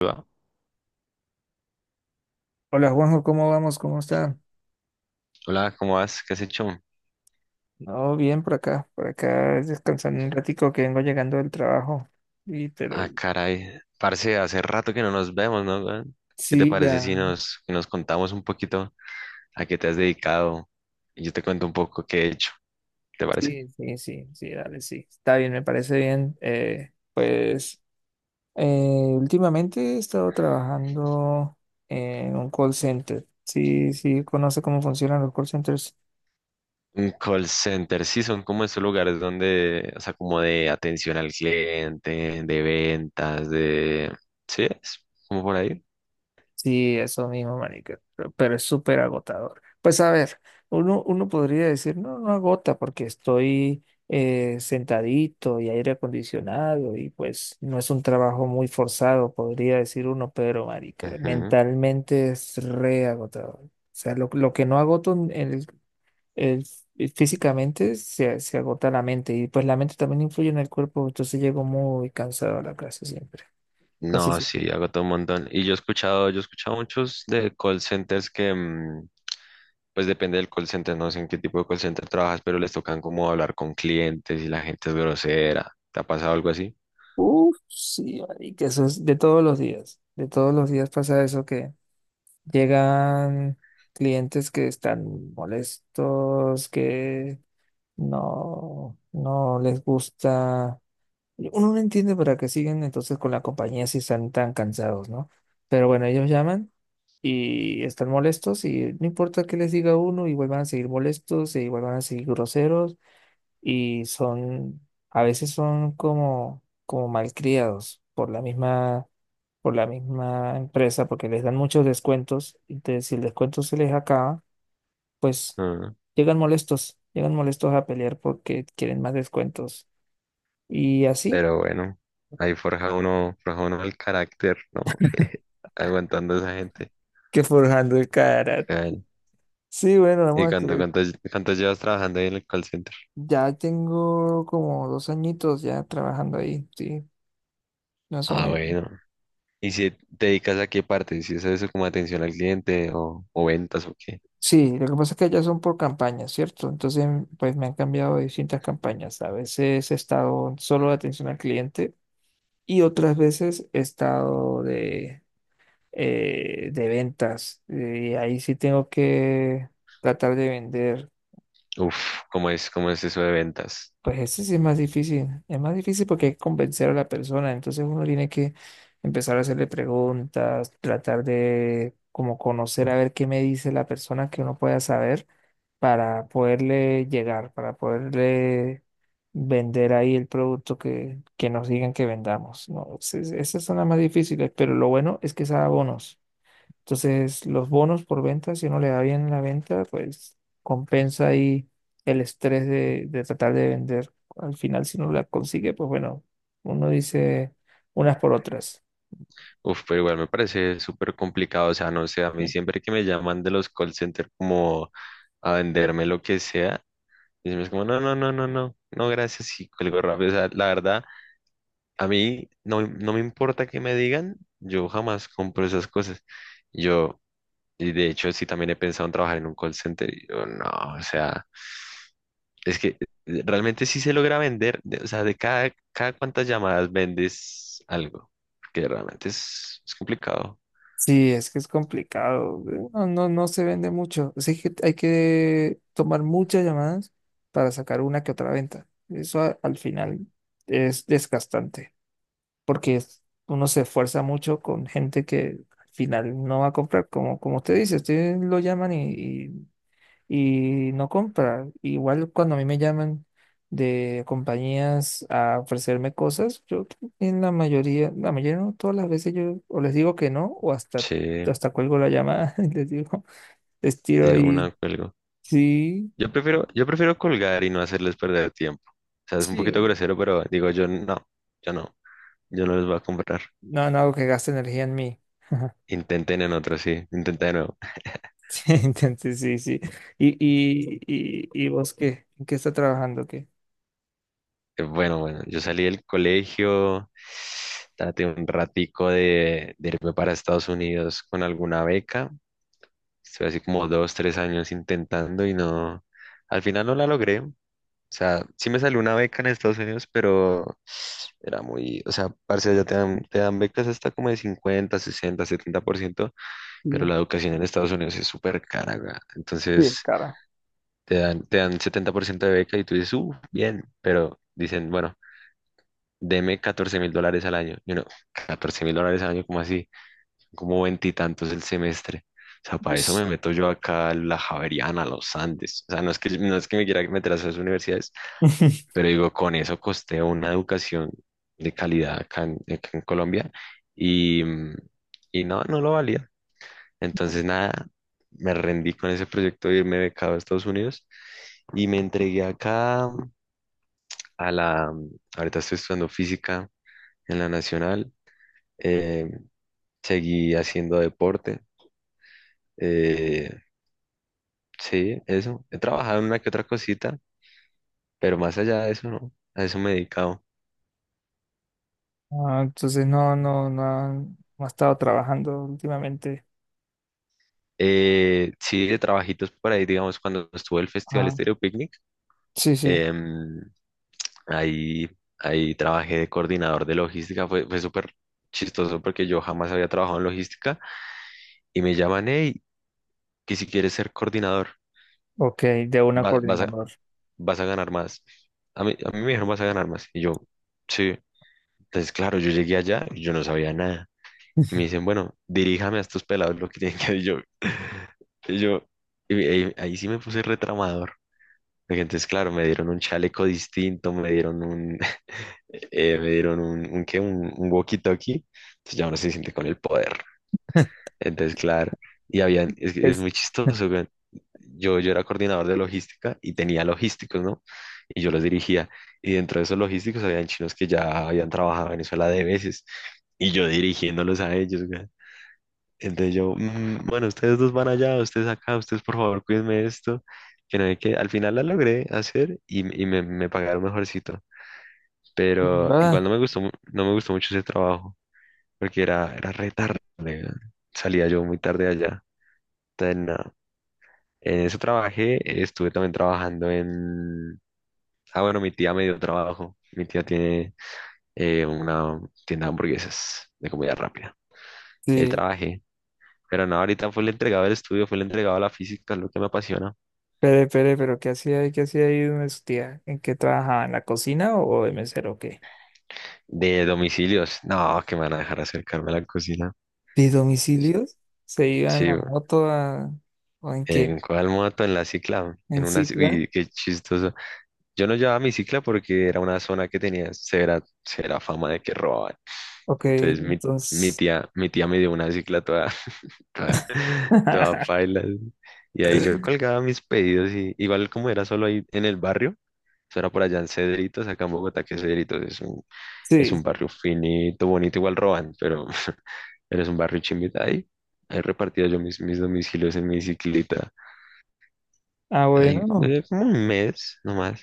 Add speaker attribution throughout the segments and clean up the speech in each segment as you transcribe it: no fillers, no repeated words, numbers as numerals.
Speaker 1: Va.
Speaker 2: Hola Juanjo, ¿cómo vamos? ¿Cómo está?
Speaker 1: Hola, ¿cómo vas? ¿Qué has hecho?
Speaker 2: No, bien por acá es descansando un ratico que vengo llegando del trabajo. Y pero
Speaker 1: Ah, caray. Parce, hace rato que no nos vemos, ¿no?, weón? ¿Qué te
Speaker 2: sí,
Speaker 1: parece
Speaker 2: ya,
Speaker 1: si nos contamos un poquito a qué te has dedicado? Y yo te cuento un poco qué he hecho. ¿Te parece?
Speaker 2: sí, sí, sí, sí, dale, sí. Está bien, me parece bien. Últimamente he estado trabajando en un call center. Sí, sí, conoce cómo funcionan los call centers.
Speaker 1: Un call center, sí, son como estos lugares donde, o sea, como de atención al cliente, de ventas, de... ¿Sí? es Como por ahí.
Speaker 2: Sí, eso mismo, marica, pero es súper agotador. Pues a ver, uno podría decir, no, no agota porque estoy sentadito y aire acondicionado y pues no es un trabajo muy forzado, podría decir uno, pero marica,
Speaker 1: Ujú.
Speaker 2: mentalmente es re agotador. O sea, lo que no agoto en el, físicamente se agota la mente y pues la mente también influye en el cuerpo, entonces llego muy cansado a la clase siempre, casi
Speaker 1: No,
Speaker 2: siempre.
Speaker 1: sí, agotó un montón. Y yo he escuchado muchos de call centers que, pues depende del call center, no sé en qué tipo de call center trabajas, pero les tocan como hablar con clientes y la gente es grosera. ¿Te ha pasado algo así?
Speaker 2: Uf, sí, que eso es de todos los días. De todos los días pasa eso que llegan clientes que están molestos, que no les gusta. Uno no entiende para qué siguen entonces con la compañía si están tan cansados, ¿no? Pero bueno, ellos llaman y están molestos y no importa qué les diga uno, igual van a seguir molestos, e igual van a seguir groseros y son, a veces son como, como malcriados por la misma empresa, porque les dan muchos descuentos, y si el descuento se les acaba, pues
Speaker 1: Ah,
Speaker 2: llegan molestos a pelear porque quieren más descuentos. Y así
Speaker 1: pero bueno, ahí forja uno el carácter, ¿no? Aguantando a esa gente.
Speaker 2: que forjando el carácter.
Speaker 1: Caray.
Speaker 2: Sí, bueno,
Speaker 1: ¿Y
Speaker 2: vamos a
Speaker 1: cuánto,
Speaker 2: que
Speaker 1: cuánto, cuánto llevas trabajando ahí en el call center?
Speaker 2: ya tengo como dos añitos ya trabajando ahí, sí, más o
Speaker 1: Ah,
Speaker 2: menos.
Speaker 1: bueno. ¿Y si te dedicas a qué parte? ¿Si es eso como atención al cliente o ventas o qué?
Speaker 2: Sí, lo que pasa es que ya son por campañas, ¿cierto? Entonces, pues me han cambiado de distintas campañas. A veces he estado solo de atención al cliente y otras veces he estado de ventas. Y ahí sí tengo que tratar de vender.
Speaker 1: Uf, ¿cómo es eso de ventas?
Speaker 2: Pues ese sí es más difícil. Es más difícil porque hay que convencer a la persona. Entonces uno tiene que empezar a hacerle preguntas, tratar de como conocer a ver qué me dice la persona que uno pueda saber para poderle llegar, para poderle vender ahí el producto que nos digan que vendamos. No, esas son las más difíciles, pero lo bueno es que es a bonos. Entonces, los bonos por venta, si uno le da bien en la venta, pues compensa ahí el estrés de tratar de vender. Al final, si no la consigue, pues bueno, uno dice unas por otras.
Speaker 1: Uf, pero igual me parece súper complicado, o sea, no sé, a mí
Speaker 2: Bien.
Speaker 1: siempre que me llaman de los call center como a venderme lo que sea, y es como, no, no, no, no, no, no, gracias, y cuelgo rápido, o sea, la verdad, a mí no me importa que me digan, yo jamás compro esas cosas, yo, y de hecho sí también he pensado en trabajar en un call center, y yo, no, o sea... Es que realmente sí se logra vender, de- o sea, de cada cuántas llamadas vendes algo, que realmente es complicado.
Speaker 2: Sí, es que es complicado. No se vende mucho. Así que hay que tomar muchas llamadas para sacar una que otra venta. Eso al final es desgastante, porque uno se esfuerza mucho con gente que al final no va a comprar, como, como usted dice, usted lo llaman y no compra. Igual cuando a mí me llaman de compañías a ofrecerme cosas, yo en la mayoría no, todas las veces yo o les digo que no, o hasta,
Speaker 1: Sí,
Speaker 2: hasta cuelgo la llamada y les digo, les tiro
Speaker 1: de
Speaker 2: ahí,
Speaker 1: una cuelgo.
Speaker 2: sí,
Speaker 1: Yo prefiero colgar y no hacerles perder tiempo. O sea, es un poquito
Speaker 2: sí.
Speaker 1: grosero, pero digo yo no, yo no, yo no les voy a comprar.
Speaker 2: No, no hago que gaste energía en mí.
Speaker 1: Intenten en otro, sí, intenten de nuevo.
Speaker 2: Entonces, sí, sí. ¿Y vos qué? ¿En qué está trabajando? ¿Qué?
Speaker 1: Bueno, yo salí del colegio, traté un ratico de irme para Estados Unidos con alguna beca. Estuve así como 2, 3 años intentando y no, al final no la logré. O sea, sí me salió una beca en Estados Unidos, pero era muy, o sea, parce, allá te dan becas hasta como de 50, 60, 70%, pero
Speaker 2: No,
Speaker 1: la educación en Estados Unidos es súper cara, weá. Entonces
Speaker 2: sí, cara.
Speaker 1: te dan 70% de beca y tú dices, bien, pero dicen, bueno, deme $14,000 al año. Y uno, $14,000 al año, ¿cómo así? Como veintitantos el semestre. O sea, para eso
Speaker 2: Ush.
Speaker 1: me meto yo acá a la Javeriana, a los Andes. O sea, no es que me quiera meter a esas universidades, pero digo, con eso costeo una educación de calidad acá en Colombia y, y no, no lo valía. Entonces, nada, me rendí con ese proyecto de irme becado a Estados Unidos y me entregué acá a la, ahorita estoy estudiando física en la Nacional, eh, seguí haciendo deporte. eh, Sí, eso. He trabajado en una que otra cosita, pero más allá de eso, no. A eso me he dedicado.
Speaker 2: Ah, entonces no ha estado trabajando últimamente.
Speaker 1: Sí, de trabajitos por ahí, digamos, cuando estuvo el Festival
Speaker 2: Ah,
Speaker 1: Stereo Picnic,
Speaker 2: sí, sí.
Speaker 1: em, ahí, ahí trabajé de coordinador de logística. Fue súper chistoso porque yo jamás había trabajado en logística y me llaman, hey, que si quieres ser coordinador,
Speaker 2: Ok, de una
Speaker 1: va- vas a,
Speaker 2: coordinador.
Speaker 1: vas a ganar más. A mí me dijeron, vas a ganar más. Y yo, sí. Entonces, claro, yo llegué allá y yo no sabía nada. Y me dicen, bueno, diríjame a estos pelados lo que tienen que hacer. Y yo, y yo, y ahí sí me puse retramador. Porque entonces, claro, me dieron un chaleco distinto, me dieron un, me dieron un ¿qué? Un walkie-talkie. Entonces ya uno se siente con el poder. Entonces, claro, y habían, es, que es
Speaker 2: Es
Speaker 1: muy chistoso, weón. Yo era coordinador de logística y tenía logísticos, ¿no? Y yo los dirigía. Y dentro de esos logísticos habían chinos que ya habían trabajado en Venezuela de veces. Y yo dirigiéndolos a ellos, entonces yo, "Mm, bueno, ustedes dos van allá, ustedes acá, ustedes por favor cuídenme esto, que no hay que, al final la logré hacer y, m- y me pagaron mejorcito, pero
Speaker 2: verdad.
Speaker 1: igual no me gustó, mu- no me gustó mucho ese trabajo, porque era re tarde, weón. Salía yo muy tarde de allá, entonces nada, en eso trabajé, estuve también trabajando en, ah bueno, mi tía me dio trabajo, mi tía tiene una tienda de hamburguesas de comida rápida, ahí
Speaker 2: Sí.
Speaker 1: trabajé. Pero no, ahorita fue el entregado del estudio, fue el entregado a la física, es lo que me apasiona.
Speaker 2: ¿Qué hacía ahí? ¿Qué hacía ahí donde su tía? ¿En qué trabajaba? ¿En la cocina o de mesero o qué?
Speaker 1: De domicilios. No, que me van a dejar acercarme a la cocina.
Speaker 2: ¿De domicilios? ¿Se iba en
Speaker 1: Sí,
Speaker 2: la
Speaker 1: güey.
Speaker 2: moto o en qué?
Speaker 1: ¿En cuál moto? En la cicla. En
Speaker 2: ¿En
Speaker 1: una, ci-
Speaker 2: Cicla?
Speaker 1: uy, qué chistoso. Yo no llevaba mi cicla porque era una zona que tenía severa fama de que robaban.
Speaker 2: Ok,
Speaker 1: Entonces mi,
Speaker 2: entonces.
Speaker 1: mi tía me dio una cicla toda, toda, toda paila. Y ahí yo colgaba mis pedidos y igual como era solo ahí en el barrio. Eso era por allá en Cedritos, acá en Bogotá, que Cedritos es
Speaker 2: Sí,
Speaker 1: un
Speaker 2: sí.
Speaker 1: barrio finito, bonito, igual roban, pero eres un barrio chimbita ahí. Ahí repartía yo mis domicilios en mi bicicleta.
Speaker 2: Ah,
Speaker 1: Ahí,
Speaker 2: bueno. No.
Speaker 1: como un mes nomás.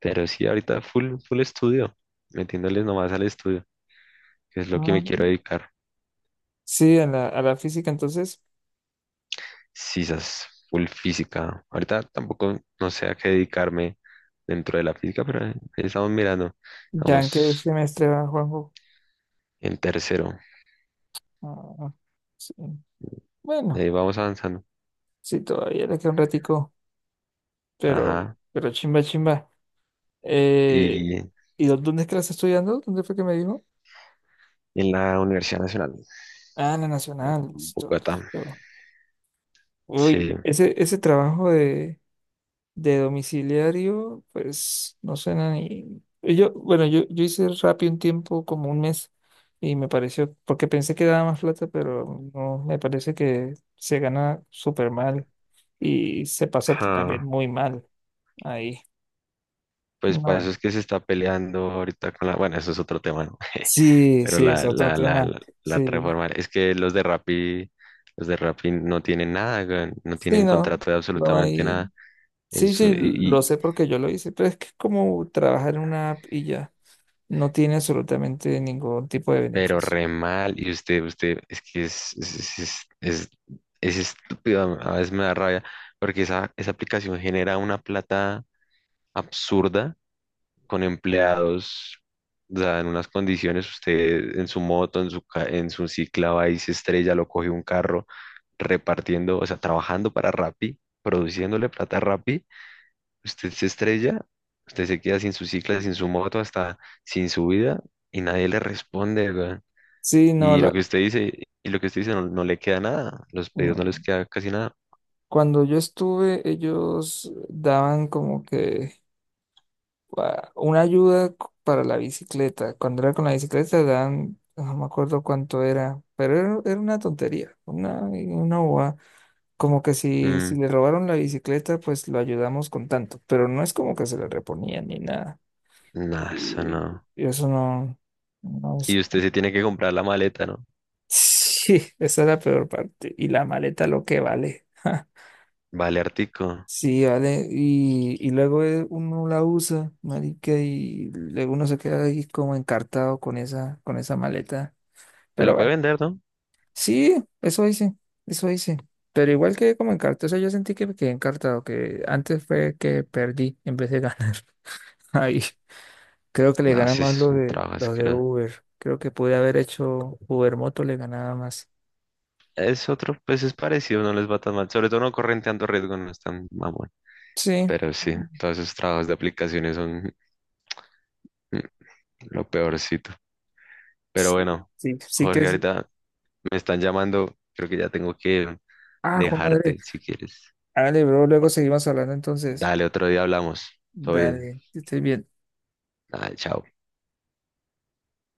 Speaker 1: Pero sí, ahorita full estudio, metiéndole nomás al estudio, que es lo que
Speaker 2: Ah,
Speaker 1: me quiero dedicar.
Speaker 2: sí, a a la física, entonces,
Speaker 1: Sisas, full física. Ahorita tampoco no sé a qué dedicarme dentro de la física, pero estamos mirando.
Speaker 2: ¿ya en qué
Speaker 1: Vamos
Speaker 2: semestre va Juanjo?
Speaker 1: en tercero.
Speaker 2: Ah, sí. Bueno,
Speaker 1: Ahí vamos avanzando.
Speaker 2: sí, todavía le queda un ratico,
Speaker 1: Ajá.
Speaker 2: pero chimba, chimba. Eh,
Speaker 1: Y
Speaker 2: ¿Y dónde es que la está estudiando? ¿Dónde fue que me dijo?
Speaker 1: en la Universidad Nacional,
Speaker 2: Ah, en la Nacional,
Speaker 1: en
Speaker 2: listo,
Speaker 1: Bogotá.
Speaker 2: listo. Uy,
Speaker 1: Sí.
Speaker 2: ese trabajo de domiciliario, pues no suena ni. Yo, bueno, yo hice Rappi un tiempo, como un mes, y me pareció, porque pensé que daba más plata, pero no, me parece que se gana súper mal y se pasa también
Speaker 1: Ajá.
Speaker 2: muy mal ahí.
Speaker 1: Pues para eso
Speaker 2: No.
Speaker 1: es que se está peleando ahorita con la, bueno, eso es otro tema, ¿no?
Speaker 2: Sí,
Speaker 1: Pero
Speaker 2: sí, es
Speaker 1: la,
Speaker 2: otro
Speaker 1: la, la,
Speaker 2: tema.
Speaker 1: la, la
Speaker 2: Sí,
Speaker 1: reforma, es que los de Rappi no tienen nada, weón, no
Speaker 2: sí,
Speaker 1: tienen
Speaker 2: no,
Speaker 1: contrato de
Speaker 2: no
Speaker 1: absolutamente
Speaker 2: hay.
Speaker 1: nada.
Speaker 2: Sí,
Speaker 1: Eso
Speaker 2: sí, lo
Speaker 1: y-
Speaker 2: sé porque yo lo hice, pero es que es como trabajar en una app y ya, no tiene absolutamente ningún tipo de
Speaker 1: pero
Speaker 2: beneficio.
Speaker 1: re mal, y usted, es que es estúpido, a veces me da rabia, porque esa aplicación genera una plata absurda con empleados, o sea, en unas condiciones, usted en su moto, en su, ca- en su cicla va y se estrella, lo coge un carro repartiendo, o sea, trabajando para Rappi, produciéndole plata a Rappi, usted se estrella, usted se queda sin su cicla, sin su moto, hasta sin su vida, y nadie le responde, weón.
Speaker 2: Sí, no,
Speaker 1: Y lo
Speaker 2: la.
Speaker 1: que usted dice, y lo que usted dice no, no le queda nada, los pedidos no
Speaker 2: No.
Speaker 1: les queda casi nada.
Speaker 2: Cuando yo estuve, ellos daban como que ah, una para la bicicleta. Cuando era con la bicicleta, daban, no me acuerdo cuánto era, pero era una tontería, una bobada. Como que si, si
Speaker 1: Mm,
Speaker 2: le robaron la bicicleta, pues lo ayudamos con tanto, pero no es como que se le reponía ni nada.
Speaker 1: nada, eso
Speaker 2: Y,
Speaker 1: no.
Speaker 2: eso no, no
Speaker 1: Y
Speaker 2: es...
Speaker 1: usted se tiene que comprar la maleta, ¿no?
Speaker 2: Sí, esa es la peor parte. Y la maleta lo que vale.
Speaker 1: Vale, Artico.
Speaker 2: Sí, vale, y luego uno la usa, marica, y luego uno se queda ahí como encartado con esa maleta.
Speaker 1: Pero
Speaker 2: Pero
Speaker 1: la puede
Speaker 2: bueno,
Speaker 1: vender, ¿no?
Speaker 2: sí, eso hice, eso hice. Pero igual que como encartado, o sea, yo sentí que me quedé encartado, que antes fue que perdí en vez de ganar. Ahí, creo que le
Speaker 1: No,
Speaker 2: gana
Speaker 1: sí
Speaker 2: más
Speaker 1: es un trabajo
Speaker 2: lo de
Speaker 1: asqueroso.
Speaker 2: Uber. Creo que pude haber hecho Uber Moto, le ganaba más.
Speaker 1: Es otro, pues es parecido, no les va tan mal. Sobre todo no corren tanto riesgo, no es tan mamón.
Speaker 2: Sí,
Speaker 1: Pero sí, todos esos trabajos de aplicaciones son mm, lo peorcito. Pero
Speaker 2: sí,
Speaker 1: bueno,
Speaker 2: sí, sí que
Speaker 1: Jorge,
Speaker 2: es.
Speaker 1: ahorita me están llamando. Creo que ya tengo que
Speaker 2: Ah, Juan Andrés,
Speaker 1: dejarte si quieres.
Speaker 2: hágale, bro, luego
Speaker 1: Bueno,
Speaker 2: seguimos hablando entonces.
Speaker 1: dale, otro día hablamos. Todo bien.
Speaker 2: Dale, que estés bien.
Speaker 1: Ah, chao.